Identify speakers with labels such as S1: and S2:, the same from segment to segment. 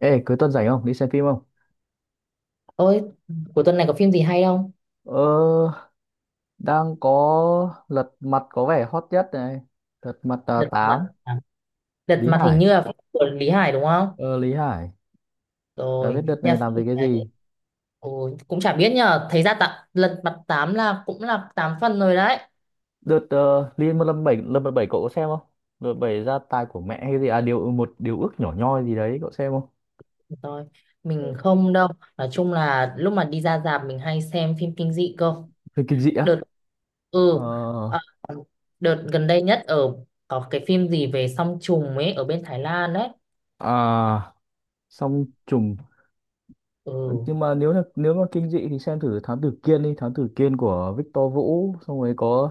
S1: Ê, cuối tuần rảnh không? Đi xem phim không?
S2: Ôi, cuối tuần này có phim gì hay không?
S1: Ờ, đang có Lật Mặt có vẻ hot nhất này. Lật Mặt
S2: Lật mặt
S1: 8,
S2: à? Lật
S1: Lý
S2: mặt hình
S1: Hải.
S2: như là phim của Lý Hải đúng không?
S1: Ờ, Lý Hải. Đã biết
S2: Rồi,
S1: đợt
S2: nhà
S1: này làm về
S2: phim
S1: cái
S2: đấy.
S1: gì?
S2: Ôi, cũng chả biết nhờ, thấy ra tạ, lật mặt tám là cũng là 8 phần rồi đấy.
S1: Đợt Liên Lâm bảy cậu có xem không? Đợt bảy gia tài của mẹ hay gì? À, một điều ước nhỏ nhoi gì đấy, cậu xem không?
S2: Rồi, mình không đâu. Nói chung là lúc mà đi ra rạp mình hay xem phim kinh dị cơ.
S1: Phim kinh dị á?
S2: Đợt
S1: Ờ,
S2: ừ ờ, đợt gần đây nhất có cái phim gì về song trùng ấy ở bên Thái Lan đấy.
S1: à, xong trùng.
S2: Ừ.
S1: Nhưng mà nếu mà kinh dị thì xem thử Thám Tử Kiên đi. Thám Tử Kiên của Victor Vũ. Xong rồi có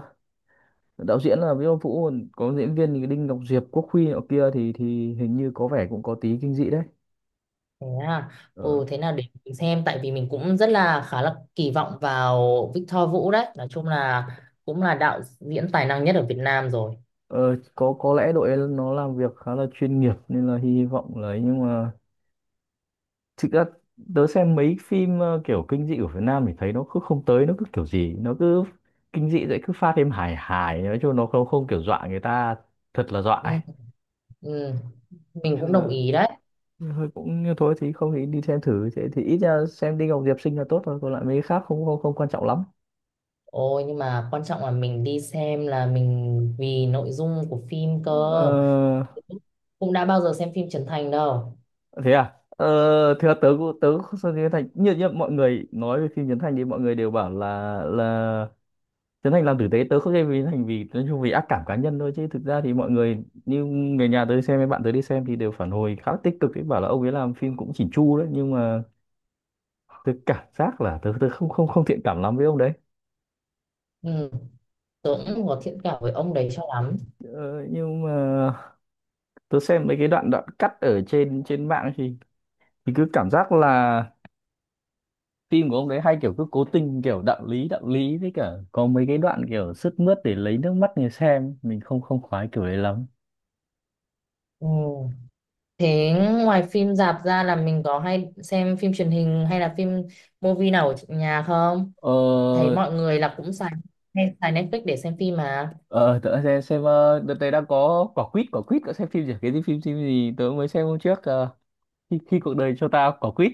S1: đạo diễn là Viết Ông Vũ, còn có diễn viên thì Đinh Ngọc Diệp, Quốc Huy nọ kia, thì hình như có vẻ cũng có tí kinh dị đấy.
S2: Thế à?
S1: ờ,
S2: Ừ, thế nào để mình xem tại vì mình cũng rất là khá là kỳ vọng vào Victor Vũ đấy. Nói chung là cũng là đạo diễn tài năng nhất ở Việt Nam rồi.
S1: ờ, có lẽ đội ấy nó làm việc khá là chuyên nghiệp nên là hy vọng là ấy, nhưng mà thực ra tớ xem mấy phim kiểu kinh dị của Việt Nam thì thấy nó cứ không tới, nó cứ kiểu gì nó cứ kinh dị vậy cứ pha thêm hài hài, nói chung nó không không kiểu dọa người ta thật là dọa
S2: Ừ,
S1: ấy.
S2: ừ. Mình
S1: Nên
S2: cũng
S1: là
S2: đồng ý đấy.
S1: thôi, cũng như thôi thì không thì đi xem thử, thế thì ít ra xem Đinh Ngọc Diệp xinh là tốt thôi, còn lại mấy cái khác không không không quan trọng lắm.
S2: Ôi, nhưng mà quan trọng là mình đi xem là mình vì nội dung của phim cơ,
S1: Ờ,
S2: cũng đã bao giờ xem phim Trấn Thành đâu.
S1: thế à, thế là tớ cũng không xem phim Trấn Thành, như mọi người nói về phim Trấn Thành thì mọi người đều bảo là Trấn Thành làm tử tế. Tớ không xem phim Trấn Thành vì nói chung vì ác cảm cá nhân thôi, chứ thực ra thì mọi người như người nhà tớ đi xem, với bạn tớ đi xem thì đều phản hồi khá là tích cực ấy, bảo là ông ấy làm phim cũng chỉn chu đấy, nhưng mà tớ cảm giác là tớ tớ không không không thiện cảm lắm với ông đấy.
S2: Ừ. Tớ cũng có thiện cảm với ông đấy cho lắm.
S1: Ờ, nhưng mà tớ xem mấy cái đoạn đoạn cắt ở trên trên mạng thì cứ cảm giác là phim của ông đấy hay kiểu cứ cố tình kiểu đạo lý đạo lý, với cả có mấy cái đoạn kiểu sướt mướt để lấy nước mắt người xem, mình không không khoái kiểu đấy lắm.
S2: Ừ. Thế ngoài phim rạp ra là mình có hay xem phim truyền hình hay là phim movie nào ở nhà không? Thấy
S1: ờ
S2: mọi người là cũng xài, hay xài Netflix để xem phim mà.
S1: ờ Tớ xem đợt này đang có quả quýt cậu xem phim gì, cái gì, phim phim gì tớ mới xem hôm trước khi cuộc đời cho ta quả quýt.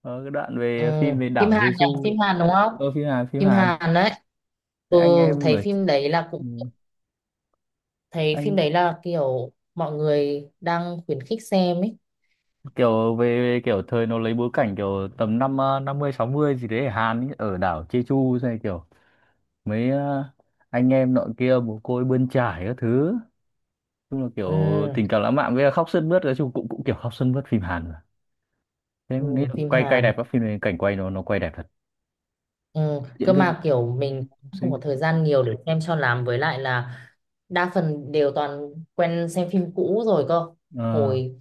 S1: Ờ, cái đoạn
S2: Ừ.
S1: về phim về
S2: Phim
S1: đảo
S2: Hàn nhỉ,
S1: Jeju.
S2: phim Hàn đúng không,
S1: Phim Hàn, phim
S2: phim
S1: Hàn.
S2: Hàn đấy.
S1: Thế
S2: Ừ,
S1: anh em
S2: thấy
S1: ở.
S2: phim đấy là cũng
S1: Ừ.
S2: thấy phim
S1: Anh
S2: đấy là kiểu mọi người đang khuyến khích xem ấy.
S1: kiểu về kiểu thời nó lấy bối cảnh kiểu tầm năm 50 60 gì đấy ở Hàn ý, ở đảo Jeju này, kiểu mấy anh em nọ kia mồ côi bươn chải các thứ, chung là kiểu
S2: Ừ.
S1: tình cảm lãng mạn với là khóc sướt mướt, nói chung cũng cũng kiểu khóc sướt mướt, phim Hàn mà. Thế
S2: Ừ.
S1: mình nghĩ là
S2: Phim
S1: quay quay
S2: Hàn.
S1: đẹp, các phim này cảnh quay nó quay đẹp thật,
S2: Ừ,
S1: diễn
S2: cơ
S1: viên
S2: mà kiểu mình
S1: cũng
S2: không có
S1: xinh.
S2: thời gian nhiều để xem cho lắm, với lại là đa phần đều toàn quen xem phim cũ rồi cơ
S1: ờ
S2: hồi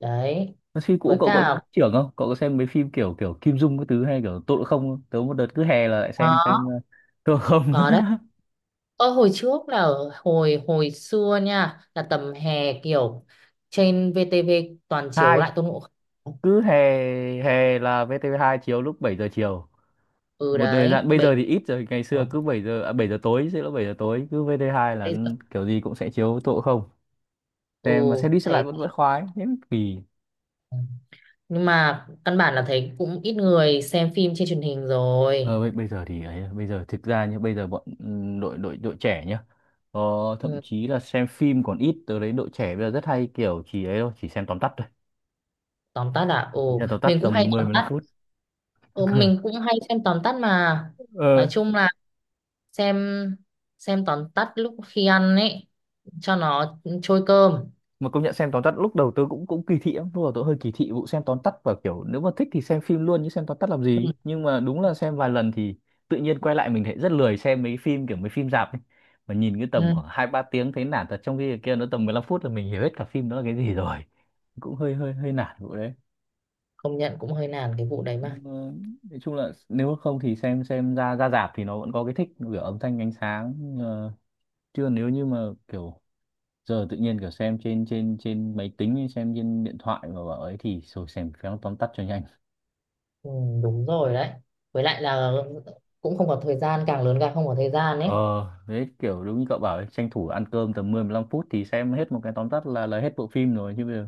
S2: đấy.
S1: Thế phim cũ
S2: Với
S1: cậu có
S2: cả
S1: trưởng không, cậu có xem mấy phim kiểu kiểu Kim Dung, cái thứ hay kiểu tội không không? Tớ một đợt cứ hè là lại xem
S2: có
S1: tội không.
S2: có đấy. Ờ, hồi trước là ở hồi hồi xưa nha, là tầm hè kiểu trên VTV toàn chiếu
S1: Hai,
S2: lại Tôn Ngộ Không.
S1: cứ hè hè là VTV2 chiếu lúc 7 giờ chiều
S2: Ừ
S1: một thời
S2: đấy,
S1: gian, bây
S2: bảy
S1: giờ thì ít rồi. Ngày xưa cứ 7 giờ à, 7 giờ tối, sẽ là 7 giờ tối cứ vt hai là
S2: bây giờ.
S1: kiểu gì cũng sẽ chiếu tội không,
S2: Ừ,
S1: xem mà xem đi xem lại
S2: thấy
S1: vẫn vẫn khoái thế mới kỳ.
S2: nhưng mà căn bản là thấy cũng ít người xem phim trên truyền hình rồi.
S1: Ờ bây giờ thì ấy à, bây giờ thực ra như bây giờ bọn đội đội đội trẻ nhá, ờ, thậm
S2: Ừ,
S1: chí là xem phim còn ít tới đấy. Đội trẻ bây giờ rất hay kiểu chỉ ấy thôi, chỉ xem tóm tắt thôi,
S2: tóm tắt là ừ,
S1: chỉ xem tóm tắt
S2: mình cũng hay
S1: tầm mười,
S2: tóm
S1: mười lăm
S2: tắt.
S1: phút.
S2: Ừ, mình cũng hay xem tóm tắt mà.
S1: ờ
S2: Nói chung là xem xem tóm tắt lúc khi ăn ấy, cho nó trôi cơm.
S1: mà công nhận xem tóm tắt lúc đầu tớ cũng cũng kỳ thị lắm, lúc đầu tớ hơi kỳ thị vụ xem tóm tắt, và kiểu nếu mà thích thì xem phim luôn chứ xem tóm tắt làm gì,
S2: Ừ.
S1: nhưng mà đúng là xem vài lần thì tự nhiên quay lại mình thấy rất lười xem mấy phim kiểu mấy phim rạp ấy, mà nhìn cái tầm
S2: Ừ.
S1: khoảng hai ba tiếng thấy nản thật, trong khi cái kia nó tầm 15 phút là mình hiểu hết cả phim đó là cái gì rồi. Cũng hơi hơi hơi nản vụ đấy.
S2: Công nhận cũng hơi nản cái vụ đấy mà.
S1: Ờ, nói chung là nếu không thì xem ra ra rạp thì nó vẫn có cái thích kiểu âm thanh ánh sáng, ờ, chưa nếu như mà kiểu giờ tự nhiên kiểu xem trên trên trên máy tính hay xem trên điện thoại mà bảo ấy thì rồi xem phéo tóm tắt cho nhanh.
S2: Ừ, đúng rồi đấy. Với lại là cũng không có thời gian, càng lớn càng không có thời gian
S1: ờ
S2: ấy.
S1: Đấy kiểu đúng như cậu bảo ấy, tranh thủ ăn cơm tầm mười, mười lăm phút thì xem hết một cái tóm tắt là hết bộ phim rồi, chứ bây giờ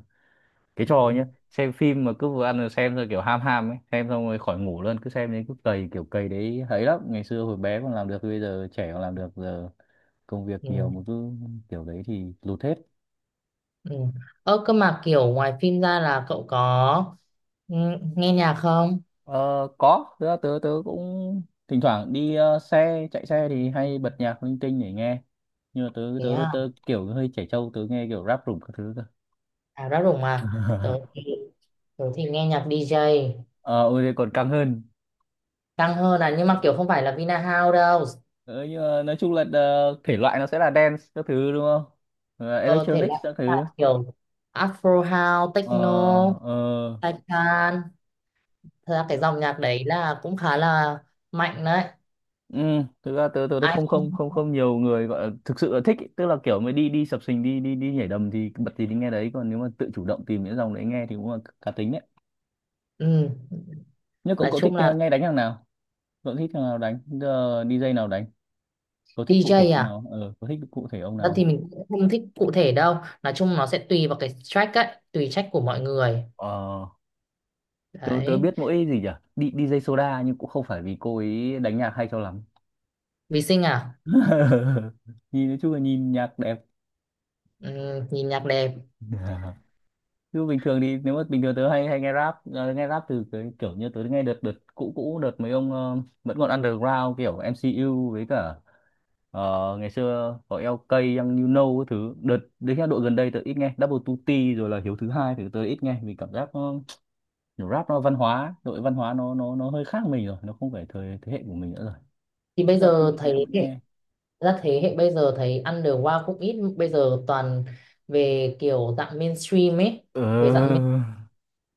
S1: cái
S2: Ừ,
S1: trò nhá, xem phim mà cứ vừa ăn rồi xem rồi kiểu ham ham ấy, xem xong rồi khỏi ngủ luôn, cứ xem đến cứ cày kiểu cày đấy hay lắm, ngày xưa hồi bé còn làm được, bây giờ trẻ còn làm được, giờ công việc nhiều
S2: ừ,
S1: mà cứ kiểu đấy thì lụt hết.
S2: ừ. Ơ cơ mà kiểu ngoài phim ra là cậu có, ừ, nghe nhạc không?
S1: Ờ, có, tớ cũng thỉnh thoảng đi chạy xe thì hay bật nhạc linh tinh để nghe. Nhưng mà tớ,
S2: Thế
S1: tớ,
S2: à,
S1: tớ kiểu hơi trẻ trâu, tớ nghe kiểu rap rủng các thứ cơ.
S2: à ra rủng mà. tớ thì, tớ thì nghe nhạc DJ.
S1: Ờ, ôi thế còn căng hơn.
S2: Căng hơn là, nhưng mà kiểu không phải là Vina House đâu.
S1: Ờ, nhưng mà nói chung là thể loại nó sẽ là dance các thứ đúng không? Ờ,
S2: Ờ, thể
S1: electronics
S2: loại
S1: các thứ.
S2: là kiểu Afro House
S1: Ờ,
S2: Techno
S1: ờ.
S2: Taipan. Thật ra cái dòng nhạc đấy là cũng khá là mạnh đấy.
S1: Ừ, thực ra tớ đây
S2: Ai
S1: không
S2: không,
S1: không không không nhiều người gọi là thực sự là thích ý, tức là kiểu mới đi đi sập sình đi đi đi nhảy đầm thì bật gì thì nghe đấy, còn nếu mà tự chủ động tìm những dòng đấy nghe thì cũng là cá tính đấy.
S2: ừ.
S1: Nhưng cậu
S2: Nói
S1: cậu thích
S2: chung là
S1: nghe đánh thằng nào? Cậu thích thằng nào đánh? Ờ, DJ nào đánh? Cậu thích cụ thể
S2: DJ
S1: ông
S2: à,
S1: nào? Ờ, cậu thích cụ thể ông
S2: ra thì
S1: nào?
S2: mình cũng không thích cụ thể đâu. Nói chung nó sẽ tùy vào cái track ấy, tùy track của mọi người
S1: Ờ, tớ tớ
S2: đấy.
S1: biết mỗi gì nhỉ? Đi đi dây Soda, nhưng cũng không phải vì cô ấy đánh nhạc hay cho lắm.
S2: Vì sinh à.
S1: Nhìn nói chung là nhìn nhạc đẹp.
S2: Ừ, nhìn nhạc đẹp.
S1: Chứ bình thường thì nếu mà bình thường tớ hay hay nghe rap, nghe rap từ cái kiểu như tớ nghe đợt đợt cũ cũ đợt mấy ông vẫn còn underground kiểu MCU với cả, ngày xưa có LK Young You Know cái thứ, đợt đến là đội gần đây tớ ít nghe Double two t rồi là Hiếu thứ hai thì tớ ít nghe vì cảm giác nó kiểu rap nó văn hóa, đội văn hóa nó hơi khác mình rồi, nó không phải thời thế hệ của mình nữa rồi.
S2: Thì bây
S1: Chắc là tớ
S2: giờ
S1: tớ
S2: thấy
S1: cũng
S2: hệ,
S1: nghe.
S2: ra thế hệ bây giờ thấy underground cũng ít, bây giờ toàn về kiểu dạng mainstream ấy.
S1: Ờ,
S2: Về dạng main...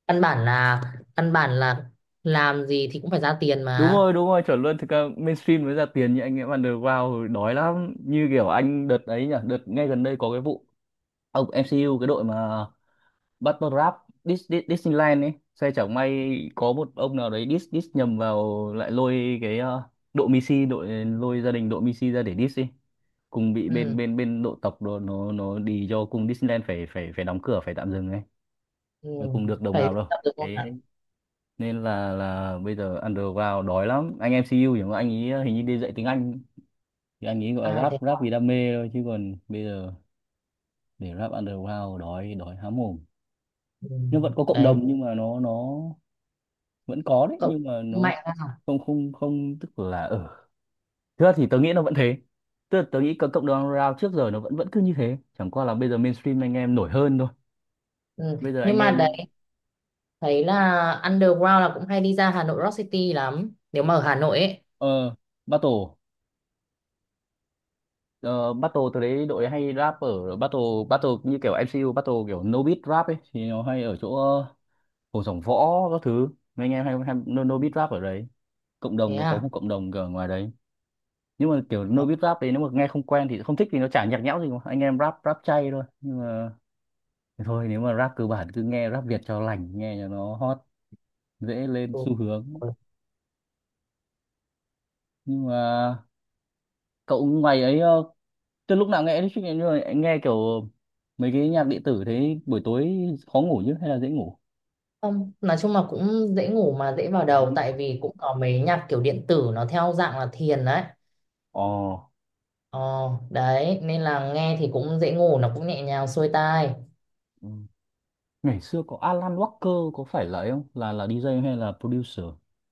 S2: căn bản là căn bản là làm gì thì cũng phải ra tiền
S1: đúng
S2: mà.
S1: rồi, đúng rồi, chuẩn luôn. Thực ra mainstream mới ra tiền, như anh em underground rồi đói lắm, như kiểu anh đợt ấy nhỉ, đợt ngay gần đây có cái vụ ông MCU cái đội mà Battle Rap, Dis, Dis, Disneyland ấy xe chẳng may, có một ông nào đấy diss diss nhầm vào lại lôi cái đội Missy, đội lôi gia đình đội Missy ra để diss đi, cùng bị bên
S2: Ừ,
S1: bên bên độ tộc đồ nó đi cho cùng Disneyland phải phải phải đóng cửa, phải tạm dừng ấy.
S2: ừ.
S1: Mà cùng được đồng
S2: Phải
S1: nào đâu
S2: tập được không
S1: cái,
S2: nào.
S1: nên là bây giờ underground đói lắm, anh em MCU thì mà anh ấy hình như đi dạy tiếng Anh, thì anh ấy gọi là
S2: À
S1: rap
S2: thế
S1: rap
S2: à?
S1: vì đam mê thôi, chứ còn bây giờ để rap underground đói đói há mồm.
S2: Ừ.
S1: Nhưng vẫn có cộng
S2: Đấy
S1: đồng, nhưng mà nó vẫn có đấy,
S2: cậu
S1: nhưng mà nó
S2: mạnh.
S1: không không không tức là ở, thực ra thì tớ nghĩ nó vẫn thế, tức là tớ nghĩ cộng cộng đồng underground trước giờ nó vẫn vẫn cứ như thế, chẳng qua là bây giờ mainstream anh em nổi hơn thôi.
S2: Ừ.
S1: Bây giờ anh
S2: Nhưng mà
S1: em
S2: đấy, thấy là underground là cũng hay đi ra Hà Nội Rock City lắm nếu mà ở Hà Nội ấy.
S1: ờ battle. Ờ, battle từ đấy đội hay rap ở battle battle như kiểu MCU battle kiểu no beat rap ấy thì nó hay ở chỗ Hồ Sổng Võ các thứ, mấy anh em hay no beat rap ở đấy, cộng
S2: Thế
S1: đồng nó có
S2: à.
S1: một cộng đồng ở ngoài đấy. Nhưng mà kiểu no
S2: Ờ,
S1: beat rap đấy nếu mà nghe không quen thì không thích thì nó chả nhạc nhẽo gì mà, anh em rap rap chay thôi, nhưng mà thì thôi, nếu mà rap cơ bản cứ nghe rap Việt cho lành, nghe cho nó hot, dễ lên
S2: ừ.
S1: xu hướng. Nhưng mà cậu ngoài ấy, từ lúc nào nghe electric Emu này, anh nghe kiểu mấy cái nhạc điện tử thế buổi tối khó ngủ chứ hay là dễ ngủ?
S2: Không, nói chung là cũng dễ ngủ mà, dễ vào
S1: Dễ.
S2: đầu, tại vì cũng có mấy nhạc kiểu điện tử nó theo dạng là thiền đấy.
S1: Ờ,
S2: Ờ, đấy nên là nghe thì cũng dễ ngủ, nó cũng nhẹ nhàng xuôi tai.
S1: ừ. Ngày xưa có Alan Walker có phải là ấy không? Là DJ hay là producer?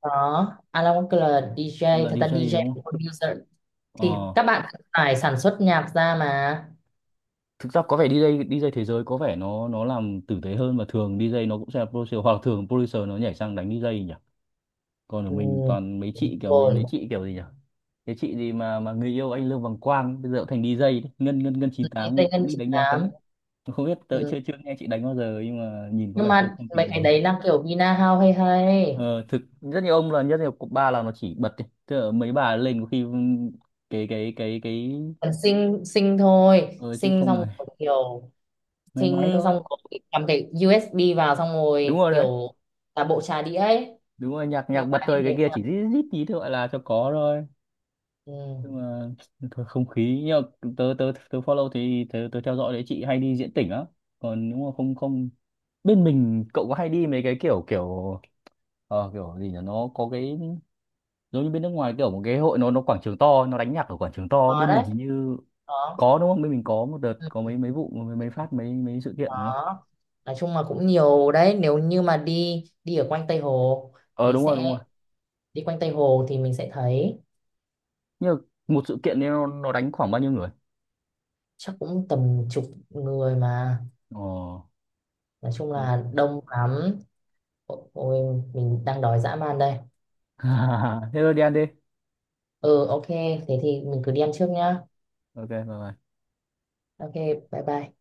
S2: Đó Alan Walker là DJ,
S1: Là
S2: thật ra
S1: DJ đúng
S2: DJ
S1: không?
S2: cũng producer, thì
S1: Ờ,
S2: các bạn cũng phải sản xuất nhạc ra mà.
S1: thực ra có vẻ DJ DJ thế giới có vẻ nó làm tử tế hơn, và thường DJ nó cũng sẽ là producer, hoặc là thường producer nó nhảy sang đánh DJ nhỉ? Còn ở mình
S2: Ừ.
S1: toàn mấy chị kiểu mấy
S2: Rồi
S1: mấy chị kiểu gì nhỉ? Cái chị gì mà người yêu anh Lương Bằng Quang bây giờ cũng thành DJ đấy. Ngân Ngân Ngân 98
S2: DJ
S1: cũng
S2: Ngân
S1: đi đánh nhạc đấy.
S2: 98.
S1: Tôi không biết, tớ chưa chưa nghe chị đánh bao giờ nhưng mà nhìn có
S2: Nhưng
S1: vẻ không
S2: mà
S1: không
S2: mấy
S1: tin
S2: cái
S1: lắm.
S2: đấy là kiểu vina house hay hay
S1: Ờ, Thực rất nhiều ông là rất nhiều cục ba là nó chỉ bật ấy, tức là mấy bà lên có khi cái
S2: còn xinh xinh thôi,
S1: ờ, chứ
S2: xinh
S1: không
S2: xong
S1: rồi,
S2: rồi kiểu,
S1: nói ngoáy
S2: xinh
S1: thôi.
S2: xong rồi cầm cái USB vào xong
S1: Đúng
S2: rồi
S1: rồi đấy,
S2: kiểu là bộ trà đĩa ấy.
S1: đúng rồi, nhạc nhạc
S2: Nhiều
S1: bật
S2: bạn như
S1: thôi, cái
S2: thế
S1: kia
S2: mà.
S1: chỉ rít rít tí thôi gọi là cho có thôi.
S2: Ừ.
S1: Nhưng mà thôi không khí, nhưng mà tớ tớ tớ follow thì tớ tớ theo dõi đấy, chị hay đi diễn tỉnh á. Còn nếu mà không không bên mình cậu có hay đi mấy cái kiểu kiểu kiểu gì nhỉ, nó có cái giống như bên nước ngoài kiểu một cái hội nó quảng trường to, nó đánh nhạc ở quảng trường to,
S2: Có
S1: bên
S2: đấy.
S1: mình hình như
S2: Có.
S1: có đúng không, bên mình có một đợt
S2: Ừ.
S1: có
S2: Ừ,
S1: mấy mấy vụ mấy phát mấy mấy sự kiện đúng không.
S2: có. Nói chung là cũng nhiều đấy, nếu như mà đi đi ở quanh Tây Hồ
S1: Ờ
S2: thì
S1: Đúng rồi, đúng rồi.
S2: sẽ, đi quanh Tây Hồ thì mình sẽ thấy.
S1: Nhưng mà một sự kiện ấy nó đánh khoảng bao nhiêu người?
S2: Chắc cũng tầm chục người mà.
S1: ờ
S2: Nói chung
S1: Thế,
S2: là đông lắm. Ôi, mình đang đói dã man đây.
S1: thế thôi đi ăn đi.
S2: Ừ, ok, thế thì mình cứ đi ăn trước nhá.
S1: Ok, bye bye.
S2: Ok, bye bye.